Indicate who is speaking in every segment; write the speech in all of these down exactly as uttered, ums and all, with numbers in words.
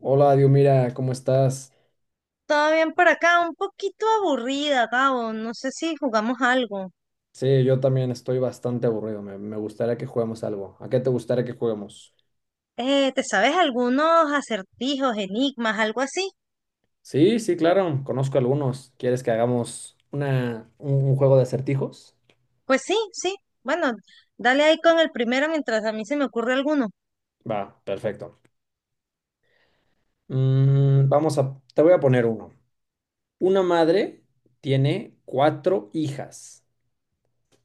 Speaker 1: Hola, Dios, mira, ¿cómo estás?
Speaker 2: Todo bien por acá, un poquito aburrida, Gabo. No sé si jugamos algo.
Speaker 1: Sí, yo también estoy bastante aburrido. Me, me gustaría que juguemos algo. ¿A qué te gustaría que juguemos?
Speaker 2: Eh, ¿te sabes algunos acertijos, enigmas, algo así?
Speaker 1: Sí, sí, claro, conozco algunos. ¿Quieres que hagamos una, un, un juego de acertijos?
Speaker 2: Pues sí, sí. Bueno, dale ahí con el primero mientras a mí se me ocurre alguno.
Speaker 1: Va, perfecto. Mm, vamos a, te voy a poner uno. Una madre tiene cuatro hijas.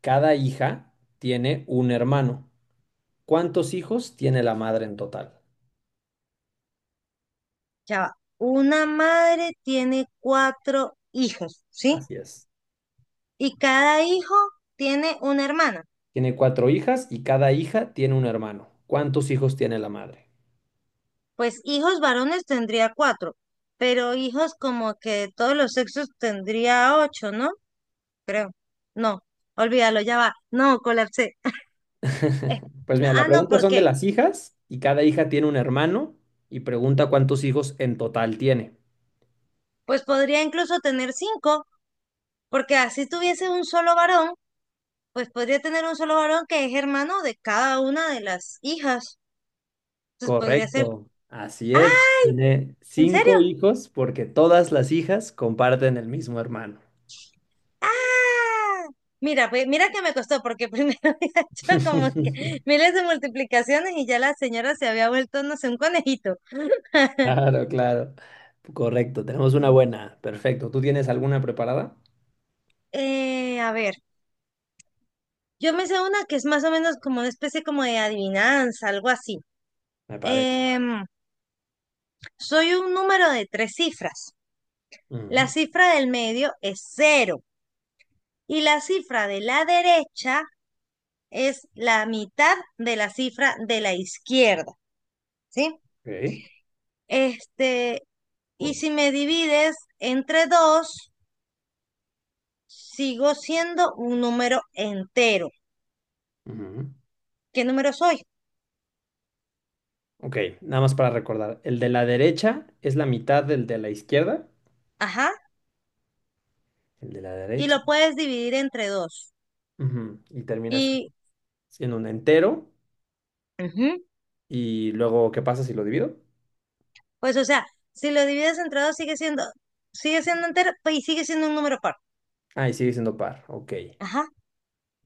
Speaker 1: Cada hija tiene un hermano. ¿Cuántos hijos tiene la madre en total?
Speaker 2: Ya va. Una madre tiene cuatro hijos, ¿sí?
Speaker 1: Así es.
Speaker 2: Y cada hijo tiene una hermana.
Speaker 1: Tiene cuatro hijas y cada hija tiene un hermano. ¿Cuántos hijos tiene la madre?
Speaker 2: Pues hijos varones tendría cuatro, pero hijos como que de todos los sexos tendría ocho, ¿no? Creo. No, olvídalo, ya va. No, colapsé. Eh,
Speaker 1: Pues mira, la
Speaker 2: ah, no,
Speaker 1: pregunta son de
Speaker 2: porque
Speaker 1: las hijas y cada hija tiene un hermano y pregunta cuántos hijos en total tiene.
Speaker 2: pues podría incluso tener cinco, porque así tuviese un solo varón, pues podría tener un solo varón que es hermano de cada una de las hijas. Entonces podría ser,
Speaker 1: Correcto, así
Speaker 2: ah,
Speaker 1: es. Tiene
Speaker 2: ¿en serio?
Speaker 1: cinco hijos porque todas las hijas comparten el mismo hermano.
Speaker 2: Ah, mira, pues, mira que me costó, porque primero había hecho como que miles de multiplicaciones y ya la señora se había vuelto, no sé, un conejito.
Speaker 1: Claro, claro. Correcto, tenemos una buena. Perfecto. ¿Tú tienes alguna preparada?
Speaker 2: Eh, a ver, yo me sé una que es más o menos como una especie como de adivinanza, algo así.
Speaker 1: Me parece.
Speaker 2: Em, Soy un número de tres cifras. La
Speaker 1: Ujú,
Speaker 2: cifra del medio es cero y la cifra de la derecha es la mitad de la cifra de la izquierda, ¿sí?
Speaker 1: ok,
Speaker 2: Este, y si me divides entre dos, sigo siendo un número entero.
Speaker 1: ujú.
Speaker 2: ¿Qué número soy?
Speaker 1: Ok, nada más para recordar. El de la derecha es la mitad del de la izquierda.
Speaker 2: Ajá.
Speaker 1: El de la
Speaker 2: Y
Speaker 1: derecha.
Speaker 2: lo puedes dividir entre dos.
Speaker 1: Ujú. Y termina si-
Speaker 2: Y,
Speaker 1: siendo un entero.
Speaker 2: ujú,
Speaker 1: Y luego, ¿qué pasa si lo divido?
Speaker 2: pues, o sea, si lo divides entre dos, sigue siendo, sigue siendo entero pues, y sigue siendo un número par.
Speaker 1: Ah, y sigue siendo par. Ok.
Speaker 2: Ajá,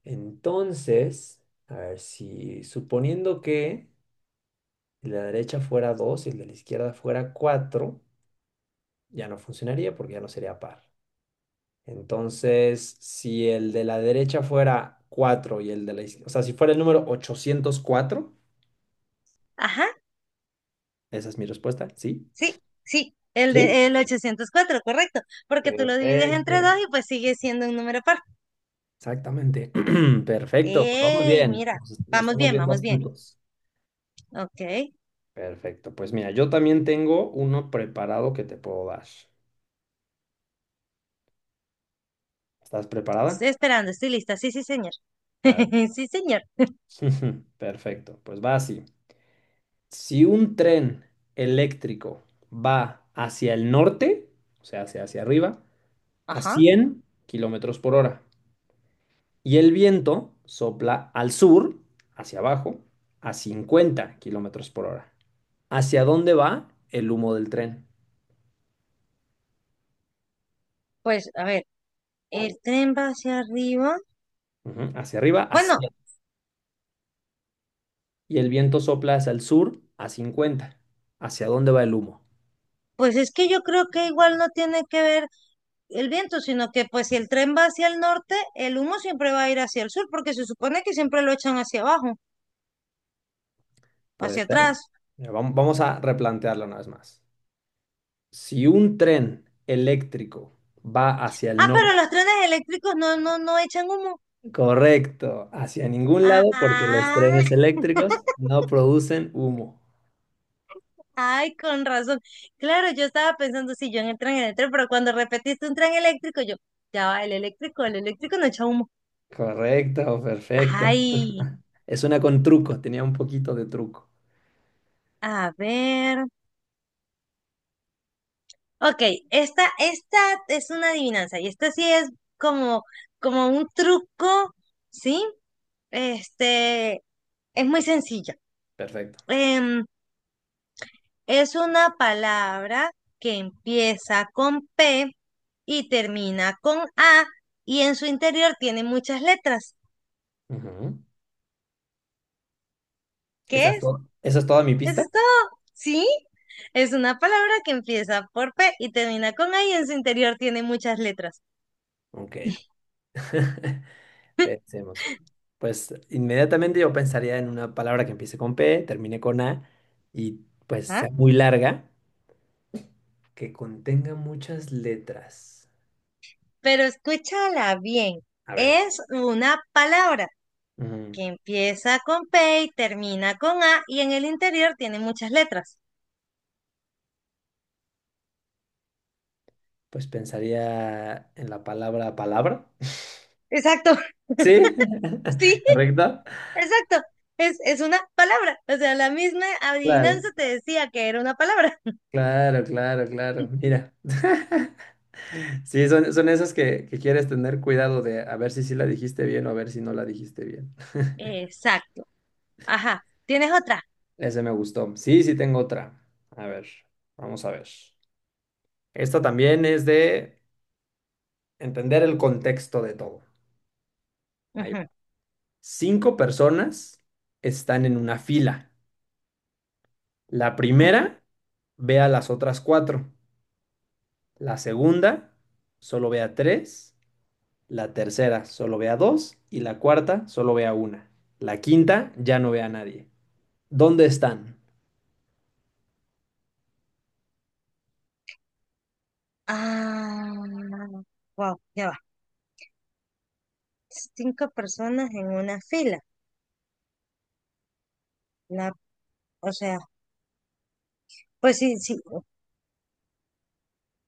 Speaker 1: Entonces, a ver si suponiendo que el de la derecha fuera dos y el de la izquierda fuera cuatro, ya no funcionaría porque ya no sería par. Entonces, si el de la derecha fuera cuatro y el de la izquierda, o sea, si fuera el número ochocientos cuatro,
Speaker 2: ajá.
Speaker 1: esa es mi respuesta, sí.
Speaker 2: Sí, sí, el
Speaker 1: ¿Sí?
Speaker 2: de el ochocientos cuatro, correcto, porque tú lo divides entre dos
Speaker 1: Perfecto,
Speaker 2: y pues sigue siendo un número par.
Speaker 1: exactamente. Perfecto, pues vamos
Speaker 2: ¡Ey,
Speaker 1: bien,
Speaker 2: mira!
Speaker 1: nos, nos
Speaker 2: Vamos
Speaker 1: estamos
Speaker 2: bien,
Speaker 1: viendo
Speaker 2: vamos bien.
Speaker 1: astutos.
Speaker 2: Ok,
Speaker 1: Perfecto, pues mira, yo también tengo uno preparado que te puedo dar. ¿Estás preparada?
Speaker 2: estoy esperando, estoy lista. Sí, sí, señor.
Speaker 1: Claro.
Speaker 2: Sí, señor.
Speaker 1: Perfecto, pues va así. Si un tren eléctrico va hacia el norte, o sea, hacia, hacia arriba, a
Speaker 2: Ajá.
Speaker 1: cien kilómetros por hora, y el viento sopla al sur, hacia abajo, a cincuenta kilómetros por hora. ¿Hacia dónde va el humo del tren?
Speaker 2: Pues a ver, el tren va hacia arriba.
Speaker 1: Ujú. Hacia arriba.
Speaker 2: Bueno,
Speaker 1: hacia... Y el viento sopla hacia el sur a cincuenta. ¿Hacia dónde va el humo?
Speaker 2: pues es que yo creo que igual no tiene que ver el viento, sino que pues si el tren va hacia el norte, el humo siempre va a ir hacia el sur, porque se supone que siempre lo echan hacia abajo,
Speaker 1: Puede
Speaker 2: hacia
Speaker 1: ser.
Speaker 2: atrás.
Speaker 1: Mira, vam- vamos a replantearlo una vez más. Si un tren eléctrico va hacia el
Speaker 2: Ah,
Speaker 1: norte,
Speaker 2: pero los trenes eléctricos no, no, no echan humo.
Speaker 1: correcto, hacia ningún lado, porque los
Speaker 2: Ah,
Speaker 1: trenes eléctricos no producen humo.
Speaker 2: ay, con razón. Claro, yo estaba pensando si yo en el tren eléctrico, pero cuando repetiste un tren eléctrico, yo, ya va, el eléctrico, el eléctrico no echa humo.
Speaker 1: Correcto, perfecto.
Speaker 2: Ay,
Speaker 1: Es una con truco, tenía un poquito de truco.
Speaker 2: a ver. Ok, esta, esta es una adivinanza y esta sí es como, como un truco, ¿sí? Este, es muy sencilla.
Speaker 1: Perfecto.
Speaker 2: Em, Es una palabra que empieza con P y termina con A y en su interior tiene muchas letras.
Speaker 1: Ujú.
Speaker 2: ¿Qué
Speaker 1: ¿Esa es
Speaker 2: es?
Speaker 1: todo- esa es toda mi
Speaker 2: Eso
Speaker 1: pista?
Speaker 2: es todo. ¿Sí? Es una palabra que empieza por P y termina con A y en su interior tiene muchas letras.
Speaker 1: Ok. Pensemos. Pues inmediatamente yo pensaría en una palabra que empiece con P, termine con A y pues
Speaker 2: Ajá.
Speaker 1: sea muy larga, que contenga muchas letras.
Speaker 2: Pero escúchala bien.
Speaker 1: A ver.
Speaker 2: Es una palabra
Speaker 1: mm,
Speaker 2: que empieza con P y termina con A y en el interior tiene muchas letras.
Speaker 1: Pues pensaría en la palabra palabra.
Speaker 2: Exacto,
Speaker 1: ¿Sí?
Speaker 2: sí.
Speaker 1: ¿Correcto?
Speaker 2: Exacto, es, es una palabra. O sea, la misma adivinanza
Speaker 1: Claro,
Speaker 2: te decía que era una palabra.
Speaker 1: claro, claro, claro. Mira. Sí, son, son esas que, que quieres tener cuidado de a ver si sí la dijiste bien o a ver si no la dijiste bien.
Speaker 2: Exacto. Ajá. ¿Tienes otra?
Speaker 1: Ese me gustó. Sí, sí tengo otra. A ver, vamos a ver. Esta también es de entender el contexto de todo. Ahí va.
Speaker 2: Ujú,
Speaker 1: Cinco personas están en una fila. La
Speaker 2: ujú.
Speaker 1: primera ve a las otras cuatro. La segunda solo ve a tres. La tercera solo ve a dos. Y la cuarta solo ve a una. La quinta ya no ve a nadie. ¿Dónde están?
Speaker 2: Ah, wow, ya va. Cinco personas en una fila. La, o sea, pues sí, sí.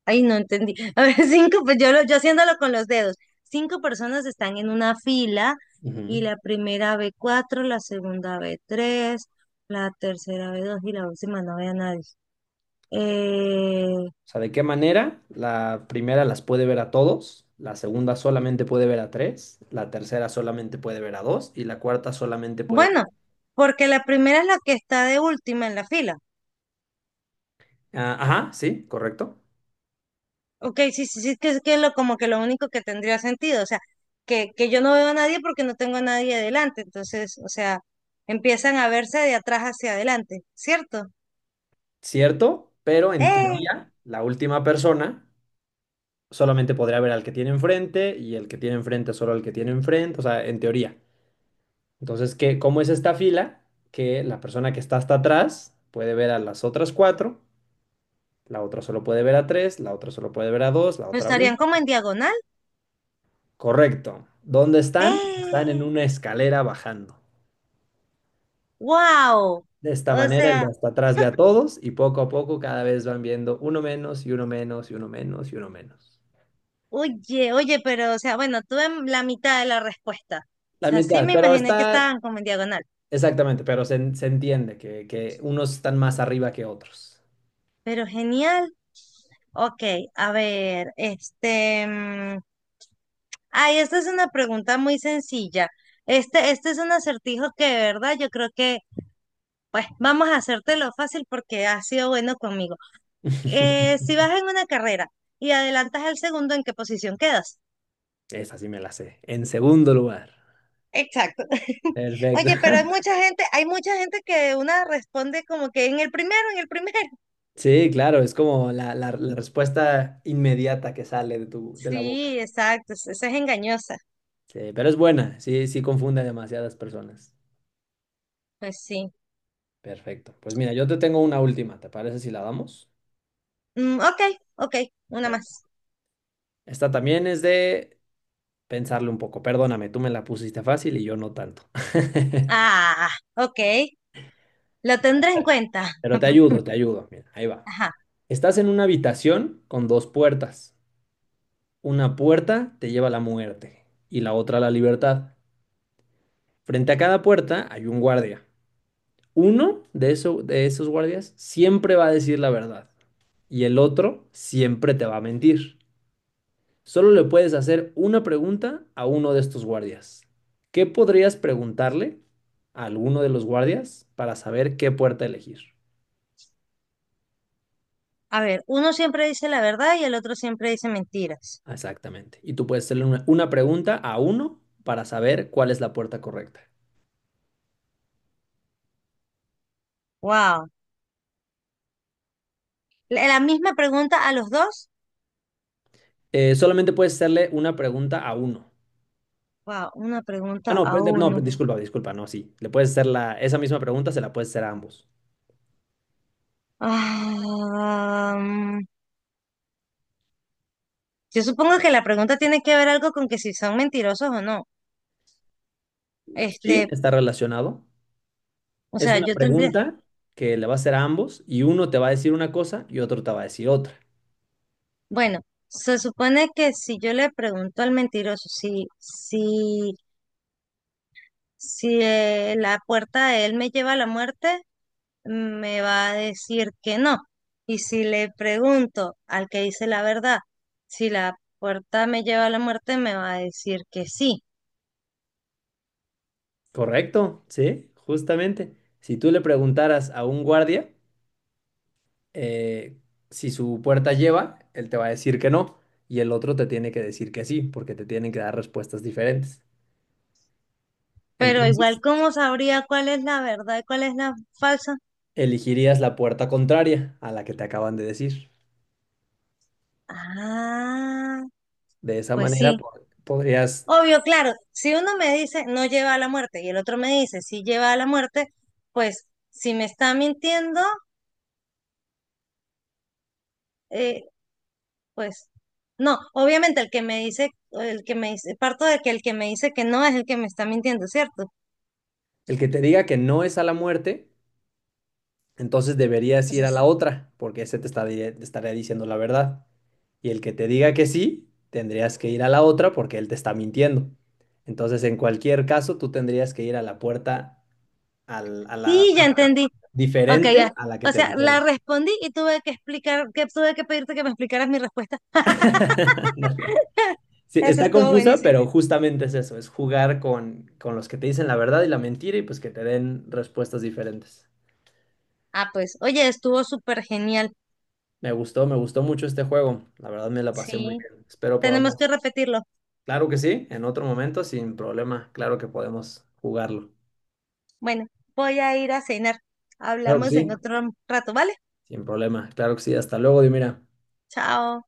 Speaker 2: Ay, no entendí. A ver, cinco, pues yo, lo- yo haciéndolo con los dedos. Cinco personas están en una fila
Speaker 1: Ujú.
Speaker 2: y
Speaker 1: O
Speaker 2: la primera ve cuatro, la segunda ve tres, la tercera ve dos y la última no ve a nadie. Eh,
Speaker 1: sea, ¿de qué manera? La primera las puede ver a todos, la segunda solamente puede ver a tres, la tercera solamente puede ver a dos y la cuarta solamente puede ver.
Speaker 2: Bueno, porque la primera es la que está de última en la fila.
Speaker 1: Ah, ajá, sí, correcto.
Speaker 2: Ok, sí, sí, sí, que es que lo, como que lo único que tendría sentido, o sea, que, que yo no veo a nadie porque no tengo a nadie adelante, entonces, o sea, empiezan a verse de atrás hacia adelante, ¿cierto?
Speaker 1: Cierto, pero en
Speaker 2: ¡Eh!
Speaker 1: teoría, la última persona solamente podría ver al que tiene enfrente y el que tiene enfrente solo al que tiene enfrente, o sea, en teoría. Entonces, ¿qué, cómo es esta fila? Que la persona que está hasta atrás puede ver a las otras cuatro, la otra solo puede ver a tres, la otra solo puede ver a dos, la
Speaker 2: Pero
Speaker 1: otra a.
Speaker 2: estarían como en diagonal.
Speaker 1: Correcto. ¿Dónde están? Están
Speaker 2: ¡Eh!
Speaker 1: en una escalera bajando.
Speaker 2: ¡Wow!
Speaker 1: De esta
Speaker 2: O
Speaker 1: manera, el
Speaker 2: sea,
Speaker 1: de hasta atrás ve a todos y poco a poco cada vez van viendo uno menos y uno menos y uno menos y uno menos.
Speaker 2: oye, oye, pero, o sea, bueno, tuve la mitad de la respuesta. O
Speaker 1: La
Speaker 2: sea, sí
Speaker 1: mitad,
Speaker 2: me
Speaker 1: pero
Speaker 2: imaginé que
Speaker 1: está
Speaker 2: estaban como en diagonal,
Speaker 1: exactamente, pero se, en- se entiende que, que, unos están más arriba que otros.
Speaker 2: pero genial. Ok, a ver, este, mm, ay, esta es una pregunta muy sencilla. Este, este es un acertijo que de verdad yo creo que, pues, vamos a hacértelo fácil porque has sido bueno conmigo. Eh, si vas en una carrera y adelantas al segundo, ¿en qué posición quedas?
Speaker 1: Esa sí me la sé. En segundo lugar.
Speaker 2: Exacto.
Speaker 1: Perfecto.
Speaker 2: Oye, pero hay mucha gente, hay mucha gente que una responde como que en el primero, en el primero.
Speaker 1: Sí, claro, es como la, la- la respuesta inmediata que sale de tu, de la boca.
Speaker 2: Sí, exacto, es- esa es engañosa.
Speaker 1: Sí, pero es buena, sí, sí confunde a demasiadas personas.
Speaker 2: Pues sí.
Speaker 1: Perfecto. Pues mira, yo te tengo una última, ¿te parece si la damos?
Speaker 2: Mm, ok, ok, una
Speaker 1: Perfecto.
Speaker 2: más.
Speaker 1: Esta también es de pensarle un poco. Perdóname, tú me la pusiste fácil y yo no tanto.
Speaker 2: Ah, ok. La tendré en cuenta.
Speaker 1: Pero te ayudo, te ayudo. Mira, ahí va.
Speaker 2: Ajá.
Speaker 1: Estás en una habitación con dos puertas. Una puerta te lleva a la muerte y la otra a la libertad. Frente a cada puerta hay un guardia. Uno de, eso- de esos guardias siempre va a decir la verdad y el otro siempre te va a mentir. Solo le puedes hacer una pregunta a uno de estos guardias. ¿Qué podrías preguntarle a alguno de los guardias para saber qué puerta elegir?
Speaker 2: A ver, uno siempre dice la verdad y el otro siempre dice mentiras.
Speaker 1: Exactamente. Y tú puedes hacerle una, una pregunta a uno para saber cuál es la puerta correcta.
Speaker 2: Wow. La, la misma pregunta a los dos.
Speaker 1: Eh, solamente puedes hacerle una pregunta a uno.
Speaker 2: Wow, una
Speaker 1: Ah,
Speaker 2: pregunta
Speaker 1: no, pe-
Speaker 2: a
Speaker 1: no, pe-
Speaker 2: uno.
Speaker 1: disculpa, disculpa, no, sí. Le puedes hacer la, esa misma pregunta, se la puedes hacer a ambos.
Speaker 2: Ah, mm, yo supongo que la pregunta tiene que ver algo con que si son mentirosos o no.
Speaker 1: Sí,
Speaker 2: Este,
Speaker 1: está relacionado.
Speaker 2: o
Speaker 1: Es
Speaker 2: sea,
Speaker 1: una
Speaker 2: yo tendría,
Speaker 1: pregunta que le va a hacer a ambos y uno te va a decir una cosa y otro te va a decir otra.
Speaker 2: bueno, se supone que si yo le pregunto al mentiroso si, si, si eh, la puerta de él me lleva a la muerte, me va a decir que no. Y si le pregunto al que dice la verdad, si la puerta me lleva a la muerte, me va a decir que sí.
Speaker 1: Correcto, sí, justamente. Si tú le preguntaras a un guardia eh, si su puerta lleva, él te va a decir que no y el otro te tiene que decir que sí, porque te tienen que dar respuestas diferentes.
Speaker 2: Pero
Speaker 1: Entonces,
Speaker 2: igual, ¿cómo sabría cuál es la verdad y cuál es la falsa?
Speaker 1: elegirías la puerta contraria a la que te acaban de decir.
Speaker 2: Ah,
Speaker 1: De esa
Speaker 2: pues
Speaker 1: manera,
Speaker 2: sí.
Speaker 1: po- podrías,
Speaker 2: Obvio, claro, si uno me dice no lleva a la muerte y el otro me dice sí lleva a la muerte, pues si me está mintiendo, eh, pues no, obviamente el que me dice, el que me dice, parto de que el que me dice que no es el que me está mintiendo, ¿cierto?
Speaker 1: el que te diga que no es a la muerte, entonces deberías ir a
Speaker 2: Entonces,
Speaker 1: la otra, porque ese te está dire- te estaría diciendo la verdad. Y el que te diga que sí, tendrías que ir a la otra porque él te está mintiendo. Entonces, en cualquier caso, tú tendrías que ir a la puerta, al- a la
Speaker 2: sí, ya
Speaker 1: puerta
Speaker 2: entendí. Ok,
Speaker 1: diferente
Speaker 2: ya.
Speaker 1: a la que
Speaker 2: O
Speaker 1: te
Speaker 2: sea, la
Speaker 1: dijeron.
Speaker 2: respondí y tuve que explicar, que tuve que pedirte que me explicaras mi respuesta.
Speaker 1: Dale. Sí,
Speaker 2: Eso
Speaker 1: está
Speaker 2: estuvo
Speaker 1: confusa,
Speaker 2: buenísimo.
Speaker 1: pero justamente es eso, es jugar con, con los que te dicen la verdad y la mentira y pues que te den respuestas diferentes.
Speaker 2: Ah, pues, oye, estuvo súper genial.
Speaker 1: Me gustó, me gustó mucho este juego. La verdad me la pasé muy
Speaker 2: Sí,
Speaker 1: bien. Espero
Speaker 2: tenemos
Speaker 1: podamos.
Speaker 2: que repetirlo.
Speaker 1: Claro que sí, en otro momento, sin problema. Claro que podemos jugarlo.
Speaker 2: Bueno, voy a ir a cenar.
Speaker 1: Claro que
Speaker 2: Hablamos en
Speaker 1: sí.
Speaker 2: otro rato, ¿vale?
Speaker 1: Sin problema. Claro que sí. Hasta luego, Dimira.
Speaker 2: Chao.